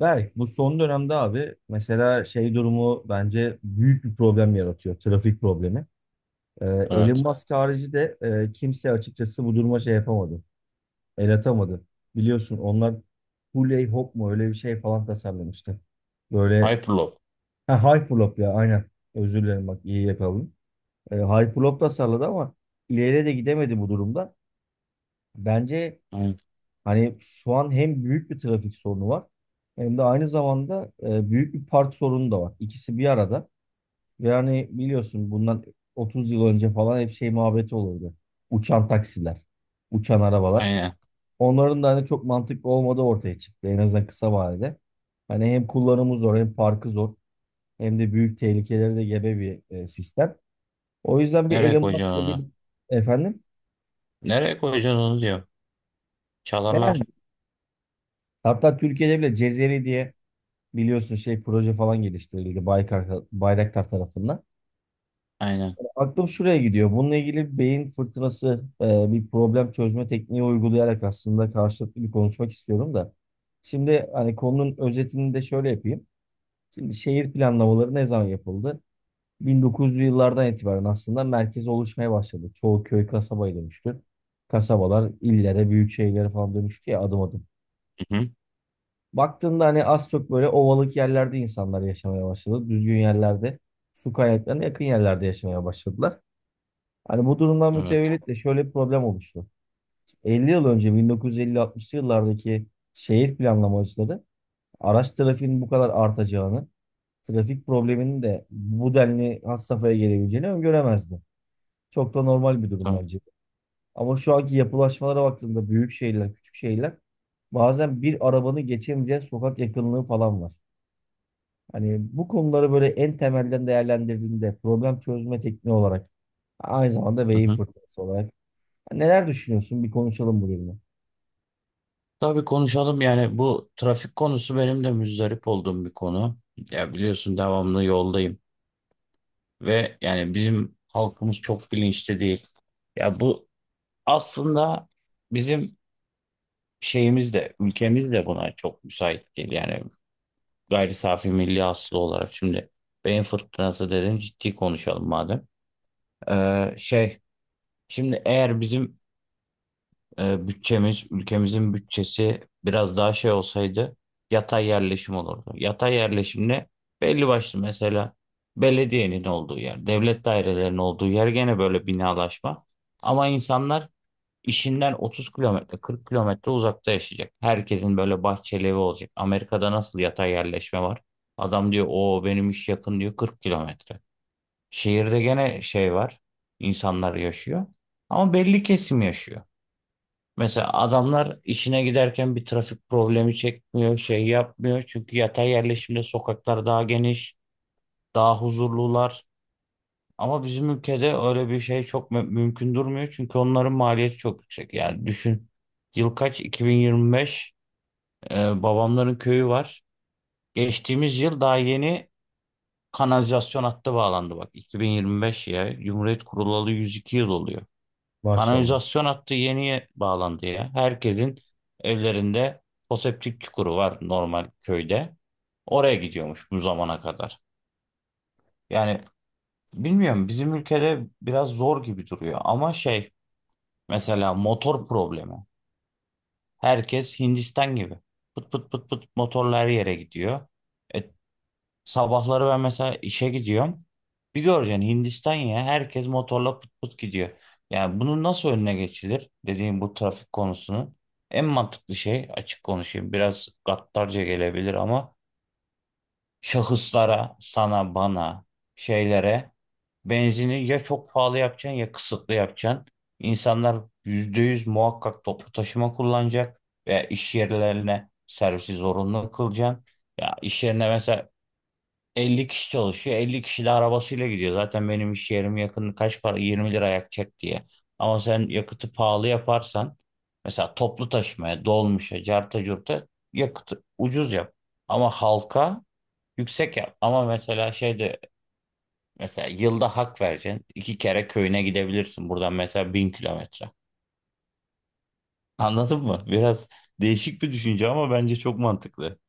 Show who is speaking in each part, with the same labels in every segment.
Speaker 1: Berk, bu son dönemde abi mesela şey durumu bence büyük bir problem yaratıyor. Trafik problemi. Ee, Elon
Speaker 2: Evet.
Speaker 1: Musk harici de kimse açıkçası bu duruma şey yapamadı. El atamadı. Biliyorsun onlar Huley Hop mu öyle bir şey falan tasarlamıştı. Böyle
Speaker 2: Hyperloop.
Speaker 1: ha, Hyperloop ya aynen. Özür dilerim bak iyi yakaladım. Hyperloop tasarladı ama ileriye de gidemedi bu durumda. Bence
Speaker 2: Aynen.
Speaker 1: hani şu an hem büyük bir trafik sorunu var hem de aynı zamanda büyük bir park sorunu da var. İkisi bir arada. Ve hani biliyorsun bundan 30 yıl önce falan hep şey muhabbeti olurdu. Uçan taksiler, uçan arabalar.
Speaker 2: Aynen.
Speaker 1: Onların da hani çok mantıklı olmadığı ortaya çıktı en azından kısa vadede. Hani hem kullanımı zor hem parkı zor hem de büyük tehlikeleri de gebe bir sistem. O yüzden bir
Speaker 2: Nereye
Speaker 1: Elon
Speaker 2: koyacaksın
Speaker 1: Musk'la bir
Speaker 2: onu?
Speaker 1: efendim.
Speaker 2: Nereye koyacaksın onu diyor.
Speaker 1: Yani
Speaker 2: Çalarlar.
Speaker 1: hatta Türkiye'de bile Cezeri diye biliyorsun şey proje falan geliştirildi Baykar, Bayraktar tarafından.
Speaker 2: Aynen.
Speaker 1: Aklım şuraya gidiyor. Bununla ilgili bir beyin fırtınası bir problem çözme tekniği uygulayarak aslında karşılıklı bir konuşmak istiyorum da. Şimdi hani konunun özetini de şöyle yapayım. Şimdi şehir planlamaları ne zaman yapıldı? 1900'lü yıllardan itibaren aslında merkez oluşmaya başladı. Çoğu köy kasabaya dönüştü. Kasabalar illere, büyük şehirlere falan dönüştü ya adım adım.
Speaker 2: Hı-hı.
Speaker 1: Baktığında hani az çok böyle ovalık yerlerde insanlar yaşamaya başladı. Düzgün yerlerde, su kaynaklarına yakın yerlerde yaşamaya başladılar. Hani bu durumdan
Speaker 2: Evet.
Speaker 1: mütevellit de şöyle bir problem oluştu. 50 yıl önce 1950-60'lı yıllardaki şehir planlamacıları araç trafiğinin bu kadar artacağını, trafik probleminin de bu denli has safhaya gelebileceğini öngöremezdi. Çok da normal bir durum
Speaker 2: Tamam.
Speaker 1: bence. Ama şu anki yapılaşmalara baktığımda büyük şehirler, küçük şehirler bazen bir arabanı geçemeyeceği sokak yakınlığı falan var. Hani bu konuları böyle en temelden değerlendirdiğinde problem çözme tekniği olarak aynı zamanda beyin
Speaker 2: Hı-hı.
Speaker 1: fırtınası olarak neler düşünüyorsun? Bir konuşalım bu bölümü.
Speaker 2: Tabii konuşalım, yani bu trafik konusu benim de müzdarip olduğum bir konu. Ya biliyorsun devamlı yoldayım ve yani bizim halkımız çok bilinçli değil. Ya bu aslında bizim şeyimiz de ülkemiz de buna çok müsait değil. Yani gayri safi milli aslı olarak şimdi beyin fırtınası dedin, ciddi konuşalım madem. Şey, şimdi eğer bizim bütçemiz, ülkemizin bütçesi biraz daha şey olsaydı yatay yerleşim olurdu. Yatay yerleşim ne? Belli başlı, mesela belediyenin olduğu yer, devlet dairelerinin olduğu yer gene böyle binalaşma. Ama insanlar işinden 30 kilometre, 40 kilometre uzakta yaşayacak. Herkesin böyle bahçeli evi olacak. Amerika'da nasıl yatay yerleşme var? Adam diyor o benim iş yakın diyor, 40 kilometre. Şehirde gene şey var. İnsanlar yaşıyor. Ama belli kesim yaşıyor. Mesela adamlar işine giderken bir trafik problemi çekmiyor, şey yapmıyor. Çünkü yatay yerleşimde sokaklar daha geniş, daha huzurlular. Ama bizim ülkede öyle bir şey çok mümkün durmuyor. Çünkü onların maliyeti çok yüksek. Yani düşün, yıl kaç? 2025. Babamların köyü var. Geçtiğimiz yıl daha yeni kanalizasyon hattı bağlandı, bak. 2025 ya. Cumhuriyet kurulalı 102 yıl oluyor.
Speaker 1: Maşallah.
Speaker 2: Kanalizasyon hattı yeniye bağlandı ya. Herkesin evlerinde foseptik çukuru var normal köyde. Oraya gidiyormuş bu zamana kadar. Yani bilmiyorum, bizim ülkede biraz zor gibi duruyor ama şey, mesela motor problemi. Herkes Hindistan gibi. Pıt pıt pıt pıt motorla her yere gidiyor. E Sabahları ben mesela işe gidiyorum. Bir göreceksin, Hindistan ya, herkes motorla pıt pıt gidiyor. Yani bunun nasıl önüne geçilir, dediğim bu trafik konusunun en mantıklı şey, açık konuşayım, biraz gaddarca gelebilir ama şahıslara, sana, bana, şeylere benzini ya çok pahalı yapacaksın ya kısıtlı yapacaksın. İnsanlar %100 muhakkak toplu taşıma kullanacak veya iş yerlerine servisi zorunlu kılacaksın. Ya iş yerine mesela 50 kişi çalışıyor. 50 kişi de arabasıyla gidiyor. Zaten benim iş yerim yakın, kaç para, 20 lira yakacak diye. Ama sen yakıtı pahalı yaparsan, mesela toplu taşımaya, dolmuşa, carta curta yakıtı ucuz yap. Ama halka yüksek yap. Ama mesela şeyde, mesela yılda hak vereceksin, iki kere köyüne gidebilirsin. Buradan mesela 1000 kilometre. Anladın mı? Biraz değişik bir düşünce ama bence çok mantıklı.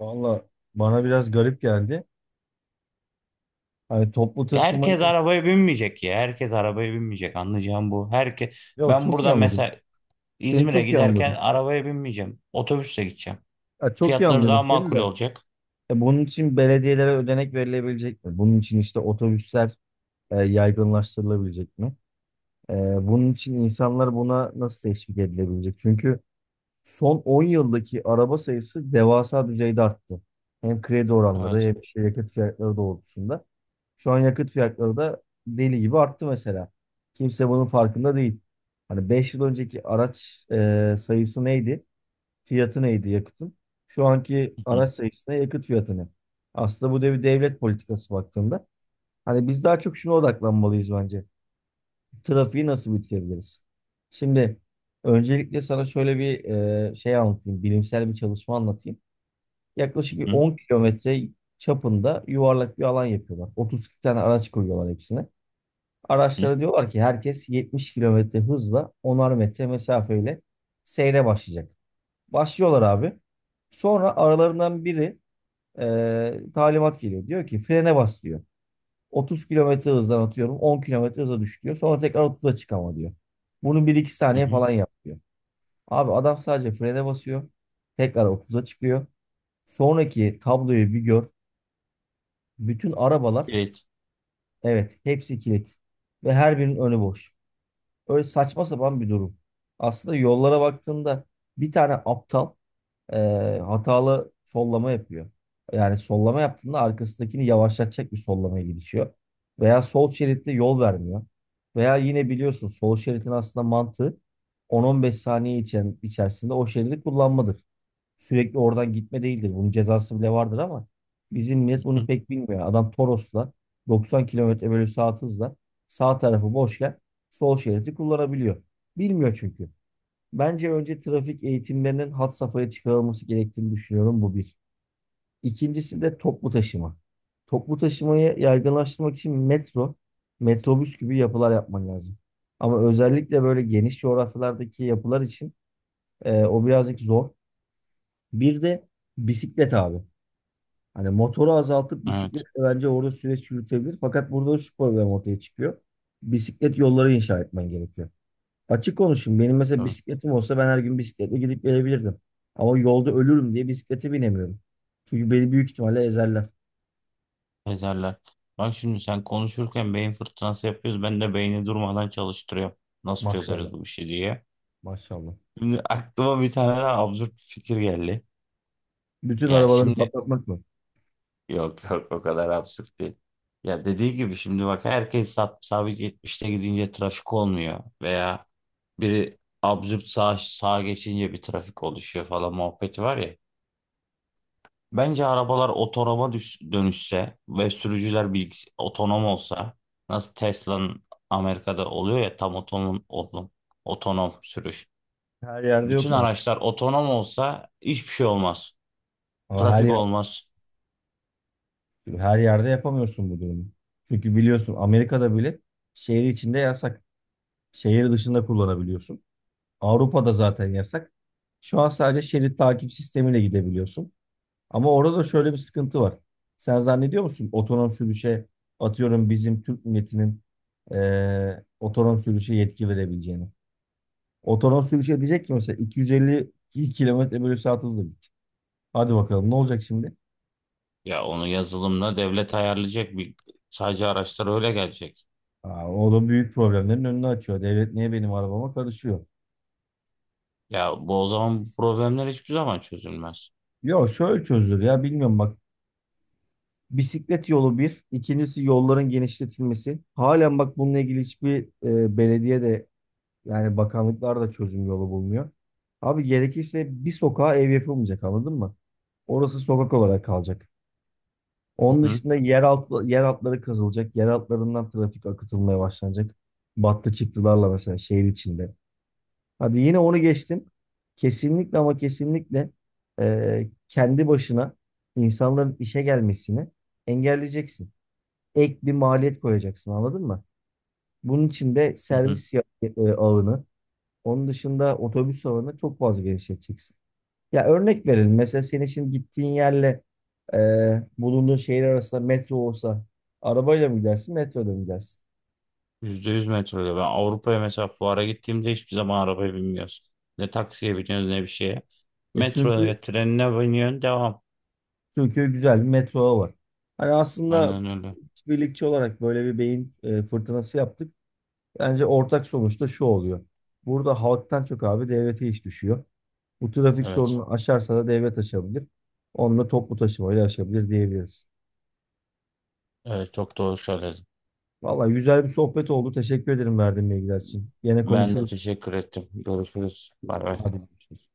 Speaker 1: Valla bana biraz garip geldi. Hani toplu
Speaker 2: Ya herkes
Speaker 1: taşımayı
Speaker 2: arabaya binmeyecek ya. Herkes arabaya binmeyecek. Anlayacağım bu.
Speaker 1: ya
Speaker 2: Ben
Speaker 1: çok iyi
Speaker 2: buradan
Speaker 1: anladım.
Speaker 2: mesela
Speaker 1: Seni
Speaker 2: İzmir'e
Speaker 1: çok iyi ya, anladım.
Speaker 2: giderken arabaya binmeyeceğim. Otobüsle gideceğim.
Speaker 1: Ya çok iyi
Speaker 2: Fiyatları
Speaker 1: anlıyorum
Speaker 2: daha
Speaker 1: seni de.
Speaker 2: makul olacak.
Speaker 1: Ya bunun için belediyelere ödenek verilebilecek mi? Bunun için işte otobüsler yaygınlaştırılabilecek mi? E, bunun için insanlar buna nasıl teşvik edilebilecek? Çünkü son 10 yıldaki araba sayısı devasa düzeyde arttı. Hem kredi oranları
Speaker 2: Evet.
Speaker 1: hem işte yakıt fiyatları doğrultusunda. Şu an yakıt fiyatları da deli gibi arttı mesela. Kimse bunun farkında değil. Hani 5 yıl önceki araç sayısı neydi? Fiyatı neydi yakıtın? Şu anki
Speaker 2: Hı hı
Speaker 1: araç sayısı ne? Yakıt fiyatı ne? Aslında bu da bir devlet politikası baktığında. Hani biz daha çok şuna odaklanmalıyız bence trafiği nasıl bitirebiliriz? Şimdi öncelikle sana şöyle bir şey anlatayım, bilimsel bir çalışma anlatayım. Yaklaşık bir
Speaker 2: hı
Speaker 1: 10 kilometre çapında yuvarlak bir alan yapıyorlar. 32 tane araç koyuyorlar hepsine.
Speaker 2: hı
Speaker 1: Araçlara diyorlar ki herkes 70 kilometre hızla 10'ar metre mesafeyle seyre başlayacak. Başlıyorlar abi. Sonra aralarından biri talimat geliyor. Diyor ki frene bas diyor. 30 kilometre hızdan atıyorum 10 kilometre hıza düş diyor. Sonra tekrar 30'a çık ama diyor. Bunu bir iki
Speaker 2: hı
Speaker 1: saniye
Speaker 2: hı.
Speaker 1: falan yapıyor. Abi adam sadece frene basıyor. Tekrar 30'a çıkıyor. Sonraki tabloyu bir gör. Bütün arabalar
Speaker 2: Kilit.
Speaker 1: evet hepsi kilit. Ve her birinin önü boş. Öyle saçma sapan bir durum. Aslında yollara baktığında bir tane aptal e, hatalı sollama yapıyor. Yani sollama yaptığında arkasındakini yavaşlatacak bir sollamaya gidişiyor. Veya sol şeritte yol vermiyor. Veya yine biliyorsun sol şeritin aslında mantığı 10-15 saniye içerisinde o şeridi kullanmadır. Sürekli oradan gitme değildir. Bunun cezası bile vardır ama bizim
Speaker 2: Hı
Speaker 1: millet bunu
Speaker 2: hı.
Speaker 1: pek bilmiyor. Adam Toros'la 90 kilometre bölü saat hızla sağ tarafı boşken sol şeridi kullanabiliyor. Bilmiyor çünkü. Bence önce trafik eğitimlerinin had safhaya çıkarılması gerektiğini düşünüyorum bu bir. İkincisi de toplu taşıma. Toplu taşımayı yaygınlaştırmak için metro, metrobüs gibi yapılar yapman lazım. Ama özellikle böyle geniş coğrafyalardaki yapılar için o birazcık zor. Bir de bisiklet abi. Hani motoru azaltıp
Speaker 2: Evet.
Speaker 1: bisikletle bence orada süreç yürütebilir. Fakat burada şu problem ortaya çıkıyor. Bisiklet yolları inşa etmen gerekiyor. Açık konuşayım. Benim mesela
Speaker 2: Tabii.
Speaker 1: bisikletim olsa ben her gün bisikletle gidip gelebilirdim. Ama yolda ölürüm diye bisiklete binemiyorum. Çünkü beni büyük ihtimalle ezerler.
Speaker 2: Ezerler. Bak, şimdi sen konuşurken beyin fırtınası yapıyoruz. Ben de beyni durmadan çalıştırıyorum. Nasıl
Speaker 1: Maşallah.
Speaker 2: çözeriz bu işi diye.
Speaker 1: Maşallah.
Speaker 2: Şimdi aklıma bir tane daha absürt bir fikir geldi.
Speaker 1: Bütün
Speaker 2: Ya
Speaker 1: arabaları
Speaker 2: şimdi,
Speaker 1: patlatmak mı?
Speaker 2: yok yok, o kadar absürt değil. Ya dediği gibi şimdi bak, herkes sabit 70'te gidince trafik olmuyor. Veya biri absürt sağa geçince bir trafik oluşuyor falan, muhabbeti var ya. Bence arabalar otonoma dönüşse ve sürücüler otonom olsa, nasıl Tesla'nın Amerika'da oluyor ya, tam otonom sürüş.
Speaker 1: Her yerde yok
Speaker 2: Bütün
Speaker 1: ama.
Speaker 2: araçlar otonom olsa hiçbir şey olmaz.
Speaker 1: Ama
Speaker 2: Trafik olmaz.
Speaker 1: her yerde yapamıyorsun bu durumu. Çünkü biliyorsun Amerika'da bile şehir içinde yasak. Şehir dışında kullanabiliyorsun. Avrupa'da zaten yasak. Şu an sadece şerit takip sistemiyle gidebiliyorsun. Ama orada da şöyle bir sıkıntı var. Sen zannediyor musun otonom sürüşe atıyorum bizim Türk milletinin otonom sürüşe yetki verebileceğini? Otonom sürüşe diyecek ki mesela 250 kilometre bölü saat hızla git. Hadi bakalım ne olacak şimdi?
Speaker 2: Ya onu yazılımla devlet ayarlayacak, bir sadece araçlar öyle gelecek.
Speaker 1: Aa, o da büyük problemlerin önünü açıyor. Devlet niye benim arabama karışıyor?
Speaker 2: Ya bu o zaman bu problemler hiçbir zaman çözülmez.
Speaker 1: Yok şöyle çözülür ya bilmiyorum bak. Bisiklet yolu bir, ikincisi yolların genişletilmesi. Halen bak bununla ilgili hiçbir belediye de yani bakanlıklar da çözüm yolu bulmuyor. Abi gerekirse bir sokağa ev yapılmayacak anladın mı? Orası sokak olarak kalacak.
Speaker 2: Hı
Speaker 1: Onun
Speaker 2: hı,
Speaker 1: dışında yer altı, yer altları kazılacak. Yer altlarından trafik akıtılmaya başlanacak. Battı çıktılarla mesela şehir içinde. Hadi yine onu geçtim. Kesinlikle ama kesinlikle kendi başına insanların işe gelmesini engelleyeceksin. Ek bir maliyet koyacaksın anladın mı? Bunun için de
Speaker 2: hı hı.
Speaker 1: servis ağını onun dışında otobüs ağını çok fazla genişleteceksin. Ya örnek verelim. Mesela senin şimdi gittiğin yerle bulunduğun şehir arasında metro olsa arabayla mı gidersin, metroda mı gidersin?
Speaker 2: %100 metro. Ben Avrupa'ya mesela fuara gittiğimde hiçbir zaman arabaya binmiyoruz. Ne taksiye biniyoruz ne bir şeye.
Speaker 1: E çünkü
Speaker 2: Metroya, trenine biniyorsun, devam.
Speaker 1: çünkü güzel bir metro ağı var. Hani aslında
Speaker 2: Aynen öyle.
Speaker 1: birlikçi olarak böyle bir beyin fırtınası yaptık. Bence ortak sonuçta şu oluyor. Burada halktan çok abi devlete iş düşüyor. Bu trafik
Speaker 2: Evet.
Speaker 1: sorununu aşarsa da devlet aşabilir. Onunla toplu taşımayla aşabilir diyebiliriz.
Speaker 2: Evet, çok doğru söyledin.
Speaker 1: Vallahi güzel bir sohbet oldu. Teşekkür ederim verdiğin bilgiler için. Yine
Speaker 2: Ben de
Speaker 1: konuşuruz.
Speaker 2: teşekkür ettim. Görüşürüz. Bay bay.
Speaker 1: Hadi görüşürüz.